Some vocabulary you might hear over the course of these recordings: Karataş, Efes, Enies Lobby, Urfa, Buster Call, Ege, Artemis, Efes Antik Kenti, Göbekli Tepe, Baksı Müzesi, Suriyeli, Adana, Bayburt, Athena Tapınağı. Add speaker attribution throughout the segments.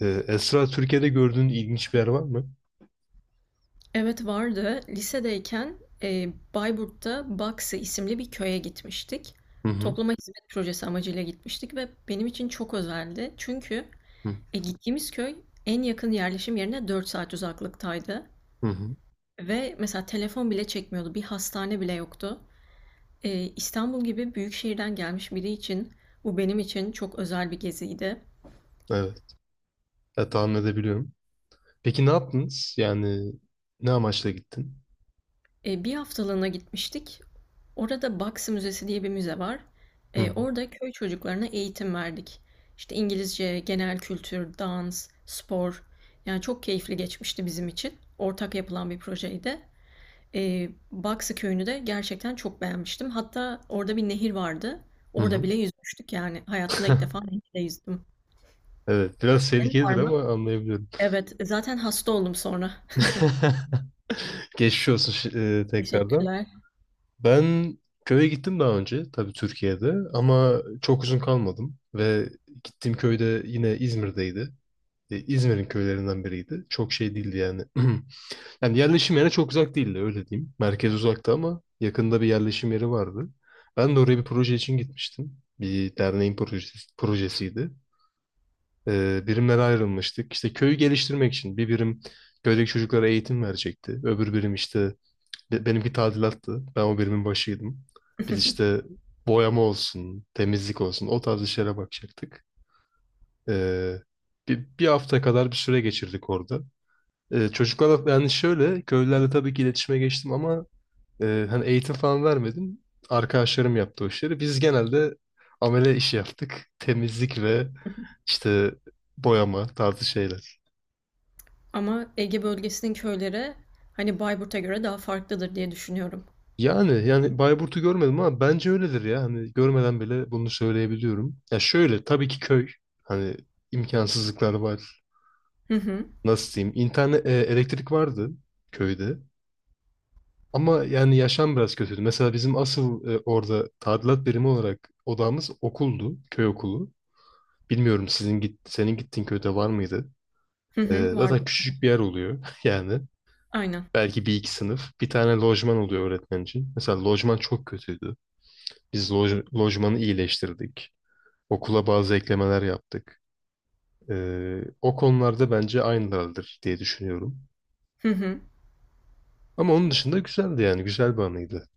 Speaker 1: Esra, Türkiye'de gördüğün ilginç bir yer var mı?
Speaker 2: Evet vardı. Lisedeyken, Bayburt'ta Baksı isimli bir köye gitmiştik.
Speaker 1: Hı hı.
Speaker 2: Topluma hizmet projesi amacıyla gitmiştik ve benim için çok özeldi. Çünkü
Speaker 1: Hı
Speaker 2: gittiğimiz köy en yakın yerleşim yerine 4 saat uzaklıktaydı.
Speaker 1: hı. Hı.
Speaker 2: Ve mesela telefon bile çekmiyordu. Bir hastane bile yoktu. İstanbul gibi büyük şehirden gelmiş biri için bu benim için çok özel bir geziydi.
Speaker 1: Evet. Ya, tahmin edebiliyorum. Peki ne yaptınız? Yani ne amaçla gittin?
Speaker 2: Bir haftalığına gitmiştik. Orada Baksı Müzesi diye bir müze var.
Speaker 1: Hı hı.
Speaker 2: Orada köy çocuklarına eğitim verdik. İşte İngilizce, genel kültür, dans, spor. Yani çok keyifli geçmişti bizim için. Ortak yapılan bir projeydi. Baksı köyünü de gerçekten çok beğenmiştim. Hatta orada bir nehir vardı.
Speaker 1: Hı
Speaker 2: Orada
Speaker 1: hı.
Speaker 2: bile yüzmüştük yani. Hayatımda ilk defa nehirde yüzdüm.
Speaker 1: Evet. Biraz
Speaker 2: Senin var
Speaker 1: tehlikelidir
Speaker 2: mı?
Speaker 1: ama anlayabiliyorum.
Speaker 2: Evet, zaten hasta oldum sonra.
Speaker 1: Geçmiş olsun, tekrardan.
Speaker 2: Teşekkürler.
Speaker 1: Ben köye gittim daha önce. Tabii Türkiye'de. Ama çok uzun kalmadım. Ve gittiğim köyde yine İzmir'deydi. İzmir'in köylerinden biriydi. Çok şey değildi yani. Yani yerleşim yerine çok uzak değildi öyle diyeyim. Merkez uzakta ama yakında bir yerleşim yeri vardı. Ben de oraya bir proje için gitmiştim. Bir derneğin projesiydi. Birimlere ayrılmıştık. İşte köyü geliştirmek için bir birim köydeki çocuklara eğitim verecekti. Öbür birim işte benimki tadilattı. Ben o birimin başıydım. Biz işte boyama olsun, temizlik olsun o tarz işlere bakacaktık. Ee, bir hafta kadar bir süre geçirdik orada. Çocuklarla yani şöyle köylülerle tabii ki iletişime geçtim ama hani eğitim falan vermedim. Arkadaşlarım yaptı o işleri. Biz genelde amele işi yaptık. Temizlik ve işte boyama tarzı şeyler.
Speaker 2: Ama Ege bölgesinin köyleri hani Bayburt'a göre daha farklıdır diye düşünüyorum.
Speaker 1: Yani Bayburt'u görmedim ama bence öyledir ya. Hani görmeden bile bunu söyleyebiliyorum. Ya şöyle tabii ki köy. Hani imkansızlıklar var.
Speaker 2: Hı hı.
Speaker 1: Nasıl diyeyim? İnternet, elektrik vardı köyde. Ama yani yaşam biraz kötüydü. Mesela bizim asıl orada tadilat birimi olarak odamız okuldu, köy okulu. Bilmiyorum sizin git senin gittiğin köyde var mıydı?
Speaker 2: Hı hı,
Speaker 1: Zaten
Speaker 2: vardı.
Speaker 1: küçücük bir yer oluyor yani.
Speaker 2: Aynen.
Speaker 1: Belki bir iki sınıf. Bir tane lojman oluyor öğretmen için. Mesela lojman çok kötüydü. Biz lojmanı iyileştirdik. Okula bazı eklemeler yaptık. O konularda bence aynılardır diye düşünüyorum.
Speaker 2: Hı hı.
Speaker 1: Ama onun dışında güzeldi yani. Güzel bir anıydı.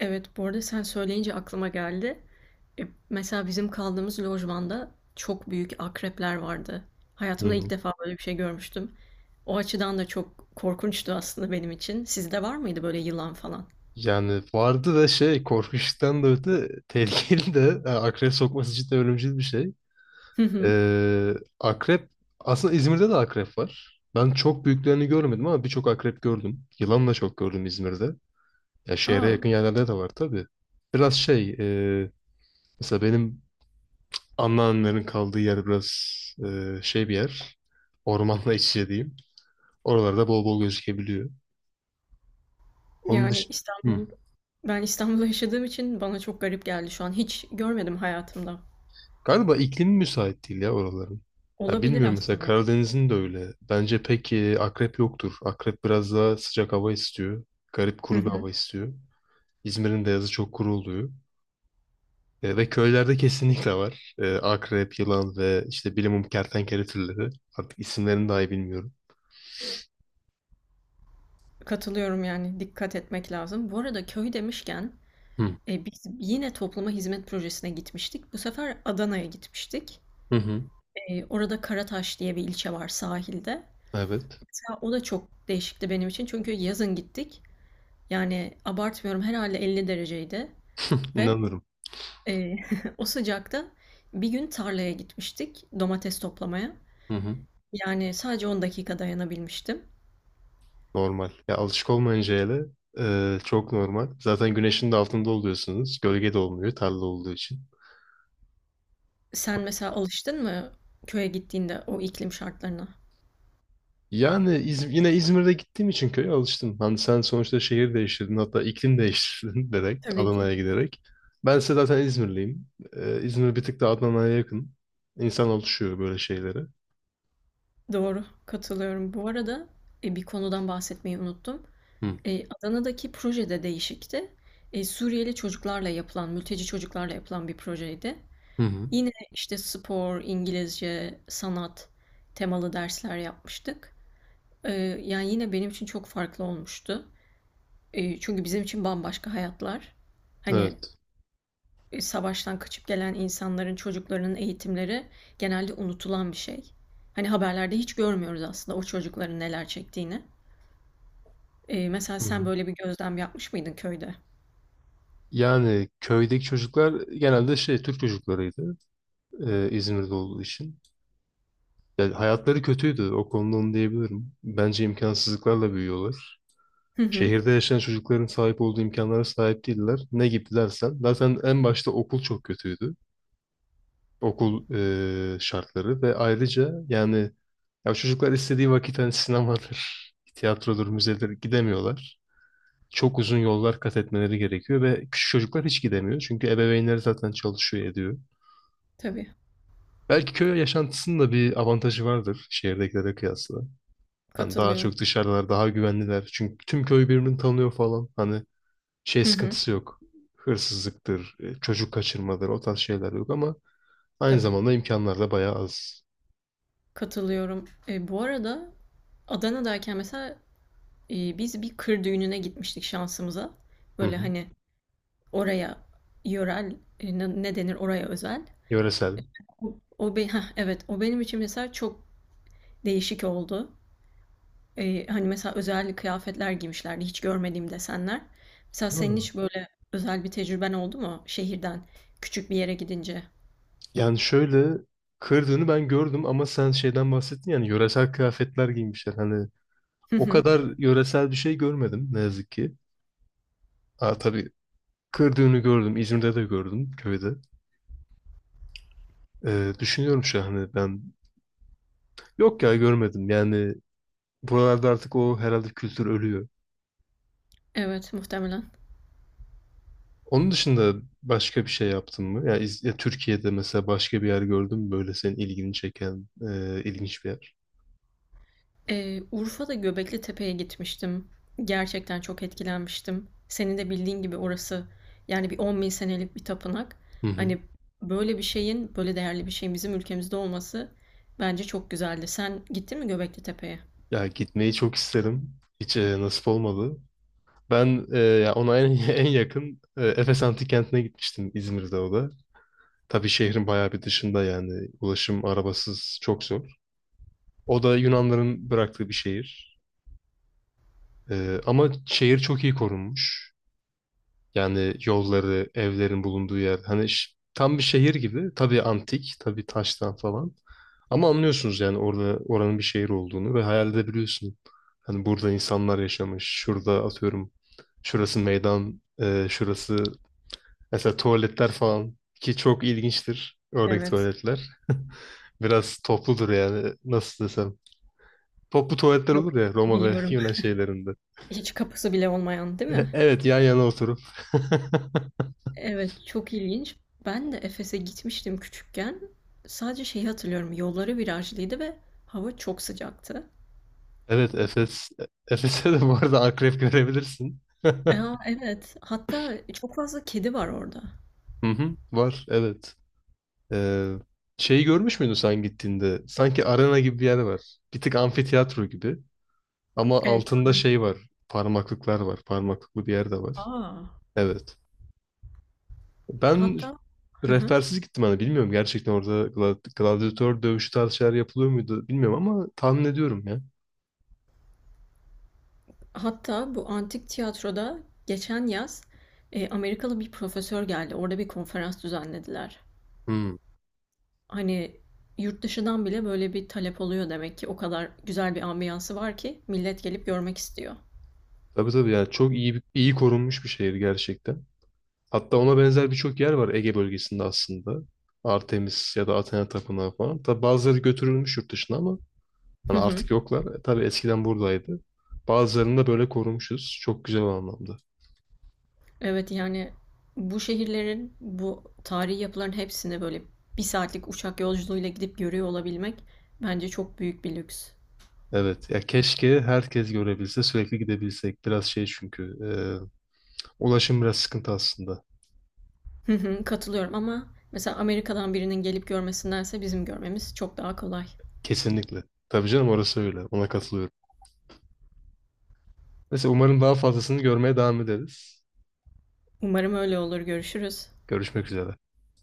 Speaker 2: Evet, bu arada sen söyleyince aklıma geldi. E, Mesela bizim kaldığımız lojmanda çok büyük akrepler vardı. Hayatımda ilk
Speaker 1: Hı.
Speaker 2: defa böyle bir şey görmüştüm. O açıdan da çok korkunçtu aslında benim için. Sizde var mıydı böyle yılan falan?
Speaker 1: Yani vardı da şey korkunçtan da öte tehlikeli de yani akrep sokması cidden ölümcül bir şey.
Speaker 2: Hı hı.
Speaker 1: Ee, akrep aslında İzmir'de de akrep var. Ben çok büyüklerini görmedim ama birçok akrep gördüm. Yılan da çok gördüm İzmir'de. Ya şehre
Speaker 2: Aa,
Speaker 1: yakın yerlerde de var tabii. Biraz şey e, mesela benim anneannemlerin kaldığı yer biraz şey bir yer. Ormanla iç içe diyeyim. Oralarda bol bol gözükebiliyor. Onun
Speaker 2: yani
Speaker 1: dışında...
Speaker 2: Ben İstanbul'da yaşadığım için bana çok garip geldi şu an. Hiç görmedim hayatımda.
Speaker 1: Galiba iklimi müsait değil ya oraların. Ya
Speaker 2: Olabilir
Speaker 1: bilmiyorum mesela
Speaker 2: aslında.
Speaker 1: Karadeniz'in de öyle. Bence pek akrep yoktur. Akrep biraz daha sıcak hava istiyor. Garip
Speaker 2: Hı
Speaker 1: kuru bir
Speaker 2: hı.
Speaker 1: hava istiyor. İzmir'in de yazı çok kuru oluyor. Ve köylerde kesinlikle var. Akrep, yılan ve işte bilimum kertenkele türleri. Artık isimlerini dahi bilmiyorum.
Speaker 2: Katılıyorum yani dikkat etmek lazım. Bu arada köy demişken
Speaker 1: Hı.
Speaker 2: Biz yine topluma hizmet projesine gitmiştik. Bu sefer Adana'ya gitmiştik.
Speaker 1: Hı hı.
Speaker 2: Orada Karataş diye bir ilçe var sahilde.
Speaker 1: Evet.
Speaker 2: Mesela o da çok değişikti benim için çünkü yazın gittik. Yani abartmıyorum herhalde 50 dereceydi ve,
Speaker 1: İnanırım.
Speaker 2: eee, o sıcakta bir gün tarlaya gitmiştik domates toplamaya.
Speaker 1: Hı hı.
Speaker 2: Yani sadece 10 dakika dayanabilmiştim.
Speaker 1: Normal. Ya alışık olmayınca hele çok normal. Zaten güneşin de altında oluyorsunuz. Gölge de olmuyor tarla olduğu için.
Speaker 2: Sen mesela alıştın mı köye gittiğinde o iklim şartlarına?
Speaker 1: Yani yine İzmir'de gittiğim için köye alıştım. Hani sen sonuçta şehir değiştirdin hatta iklim değiştirdin direkt
Speaker 2: Tabii
Speaker 1: Adana'ya
Speaker 2: ki.
Speaker 1: giderek. Ben ise zaten İzmirliyim. İzmir bir tık da Adana'ya yakın. İnsan alışıyor böyle şeylere.
Speaker 2: Doğru, katılıyorum. Bu arada, bir konudan bahsetmeyi unuttum.
Speaker 1: Hı.
Speaker 2: Adana'daki projede değişikti. Suriyeli çocuklarla yapılan, mülteci çocuklarla yapılan bir projeydi.
Speaker 1: Hı hı.
Speaker 2: Yine işte spor, İngilizce, sanat temalı dersler yapmıştık. Eee, Yani yine benim için çok farklı olmuştu. Çünkü bizim için bambaşka hayatlar. Hani
Speaker 1: Evet.
Speaker 2: savaştan kaçıp gelen insanların, çocuklarının eğitimleri genelde unutulan bir şey. Hani haberlerde hiç görmüyoruz aslında o çocukların neler çektiğini. Mesela
Speaker 1: Hı
Speaker 2: sen
Speaker 1: hı.
Speaker 2: böyle bir gözlem yapmış mıydın köyde?
Speaker 1: Yani köydeki çocuklar genelde şey Türk çocuklarıydı İzmir'de olduğu için. Yani hayatları kötüydü o konuda onu diyebilirim. Bence imkansızlıklarla büyüyorlar.
Speaker 2: Hı hı,
Speaker 1: Şehirde yaşayan çocukların sahip olduğu imkanlara sahip değiller. Ne gibi dersen. Zaten en başta okul çok kötüydü. Okul şartları ve ayrıca yani ya çocuklar istediği vakit hani sinemadır, tiyatrodur, müzedir gidemiyorlar. Çok uzun yollar kat etmeleri gerekiyor ve küçük çocuklar hiç gidemiyor. Çünkü ebeveynleri zaten çalışıyor ediyor.
Speaker 2: tabii.
Speaker 1: Belki köy yaşantısının da bir avantajı vardır şehirdekilere kıyasla. Hani daha
Speaker 2: Katılıyorum.
Speaker 1: çok dışarıdalar, daha güvenliler. Çünkü tüm köy birbirini tanıyor falan. Hani şey
Speaker 2: Hı hı.
Speaker 1: sıkıntısı yok. Hırsızlıktır, çocuk kaçırmadır o tarz şeyler yok ama aynı
Speaker 2: Tabii.
Speaker 1: zamanda imkanlar da bayağı az.
Speaker 2: Katılıyorum. Bu arada Adana'dayken mesela biz bir kır düğününe gitmiştik şansımıza.
Speaker 1: Hı
Speaker 2: Böyle
Speaker 1: hı.
Speaker 2: hani oraya yörel ne denir oraya özel.
Speaker 1: Yöresel.
Speaker 2: Evet o benim için mesela çok değişik oldu. Hani mesela özel kıyafetler giymişlerdi hiç görmediğim desenler. Mesela
Speaker 1: Ha.
Speaker 2: senin hiç böyle özel bir tecrüben oldu mu şehirden küçük bir yere gidince?
Speaker 1: Yani şöyle kırdığını ben gördüm ama sen şeyden bahsettin yani yöresel kıyafetler giymişler. Hani
Speaker 2: Hı
Speaker 1: o
Speaker 2: hı.
Speaker 1: kadar yöresel bir şey görmedim ne yazık ki. Aa, tabii kırdığını gördüm. İzmir'de de gördüm köyde. Düşünüyorum şu an hani ben yok ya görmedim. Yani buralarda artık o herhalde kültür ölüyor.
Speaker 2: Evet muhtemelen.
Speaker 1: Onun dışında başka bir şey yaptın mı? Ya, Türkiye'de mesela başka bir yer gördün mü böyle senin ilgini çeken ilginç bir yer?
Speaker 2: Urfa'da Göbekli Tepe'ye gitmiştim. Gerçekten çok etkilenmiştim. Senin de bildiğin gibi orası yani bir 10 bin senelik bir tapınak.
Speaker 1: Hı hı.
Speaker 2: Hani böyle bir şeyin, böyle değerli bir şeyin bizim ülkemizde olması bence çok güzeldi. Sen gittin mi Göbekli Tepe'ye?
Speaker 1: Ya gitmeyi çok isterim. Hiç nasip olmadı. Ben, en yakın Efes Antik Kenti'ne gitmiştim İzmir'de o da. Tabii şehrin bayağı bir dışında yani ulaşım arabasız çok zor. O da Yunanların bıraktığı bir şehir. Ama şehir çok iyi korunmuş. Yani yolları, evlerin bulunduğu yer. Hani tam bir şehir gibi. Tabii antik, tabii taştan falan. Ama anlıyorsunuz yani orada oranın bir şehir olduğunu ve hayal edebiliyorsun. Hani burada insanlar yaşamış. Şurada atıyorum. Şurası meydan, şurası mesela tuvaletler falan ki çok ilginçtir oradaki
Speaker 2: Evet.
Speaker 1: tuvaletler. Biraz topludur yani nasıl desem. Toplu tuvaletler
Speaker 2: Yok,
Speaker 1: olur ya Roma ve
Speaker 2: biliyorum.
Speaker 1: Yunan şeylerinde.
Speaker 2: Hiç kapısı bile olmayan, değil mi?
Speaker 1: Evet, yan yana oturup.
Speaker 2: Evet, çok ilginç. Ben de Efes'e gitmiştim küçükken. Sadece şeyi hatırlıyorum. Yolları virajlıydı ve hava çok sıcaktı.
Speaker 1: Evet, Efes'e de bu arada akrep görebilirsin.
Speaker 2: A, evet. Hatta çok fazla kedi var orada.
Speaker 1: Hı hı, var evet. Ee, Şeyi görmüş müydün sen gittiğinde? Sanki arena gibi bir yer var. Bir tık amfiteyatro gibi. Ama
Speaker 2: Evet.
Speaker 1: altında şey var. Parmaklıklar var. Parmaklıklı bir yer de var.
Speaker 2: A!
Speaker 1: Evet. Ben
Speaker 2: Hatta. Hı hı.
Speaker 1: rehbersiz gittim hani bilmiyorum gerçekten orada gladyatör dövüşü tarzı şeyler yapılıyor muydu bilmiyorum ama tahmin ediyorum ya.
Speaker 2: Hatta bu antik tiyatroda geçen yaz, Amerikalı bir profesör geldi. Orada bir konferans düzenlediler.
Speaker 1: Hmm.
Speaker 2: Hani, yurt dışından bile böyle bir talep oluyor demek ki. O kadar güzel bir ambiyansı var ki millet gelip görmek istiyor.
Speaker 1: Tabii, tabii, yani çok iyi korunmuş bir şehir gerçekten. Hatta ona benzer birçok yer var Ege bölgesinde aslında. Artemis ya da Athena Tapınağı falan. Tabii bazıları götürülmüş yurt dışına ama
Speaker 2: Hı
Speaker 1: hani
Speaker 2: hı.
Speaker 1: artık yoklar. Tabii eskiden buradaydı. Bazılarını da böyle korumuşuz. Çok güzel o anlamda.
Speaker 2: Evet, yani, bu şehirlerin, bu tarihi yapıların hepsini böyle bir saatlik uçak yolculuğuyla gidip görüyor olabilmek bence çok büyük bir lüks.
Speaker 1: Evet ya keşke herkes görebilse sürekli gidebilsek. Biraz şey çünkü ulaşım biraz sıkıntı aslında.
Speaker 2: Hı hı, katılıyorum ama mesela Amerika'dan birinin gelip görmesindense bizim görmemiz çok daha kolay.
Speaker 1: Kesinlikle. Tabii canım orası öyle. Ona katılıyorum. Neyse umarım daha fazlasını görmeye devam ederiz.
Speaker 2: Umarım öyle olur. Görüşürüz.
Speaker 1: Görüşmek üzere.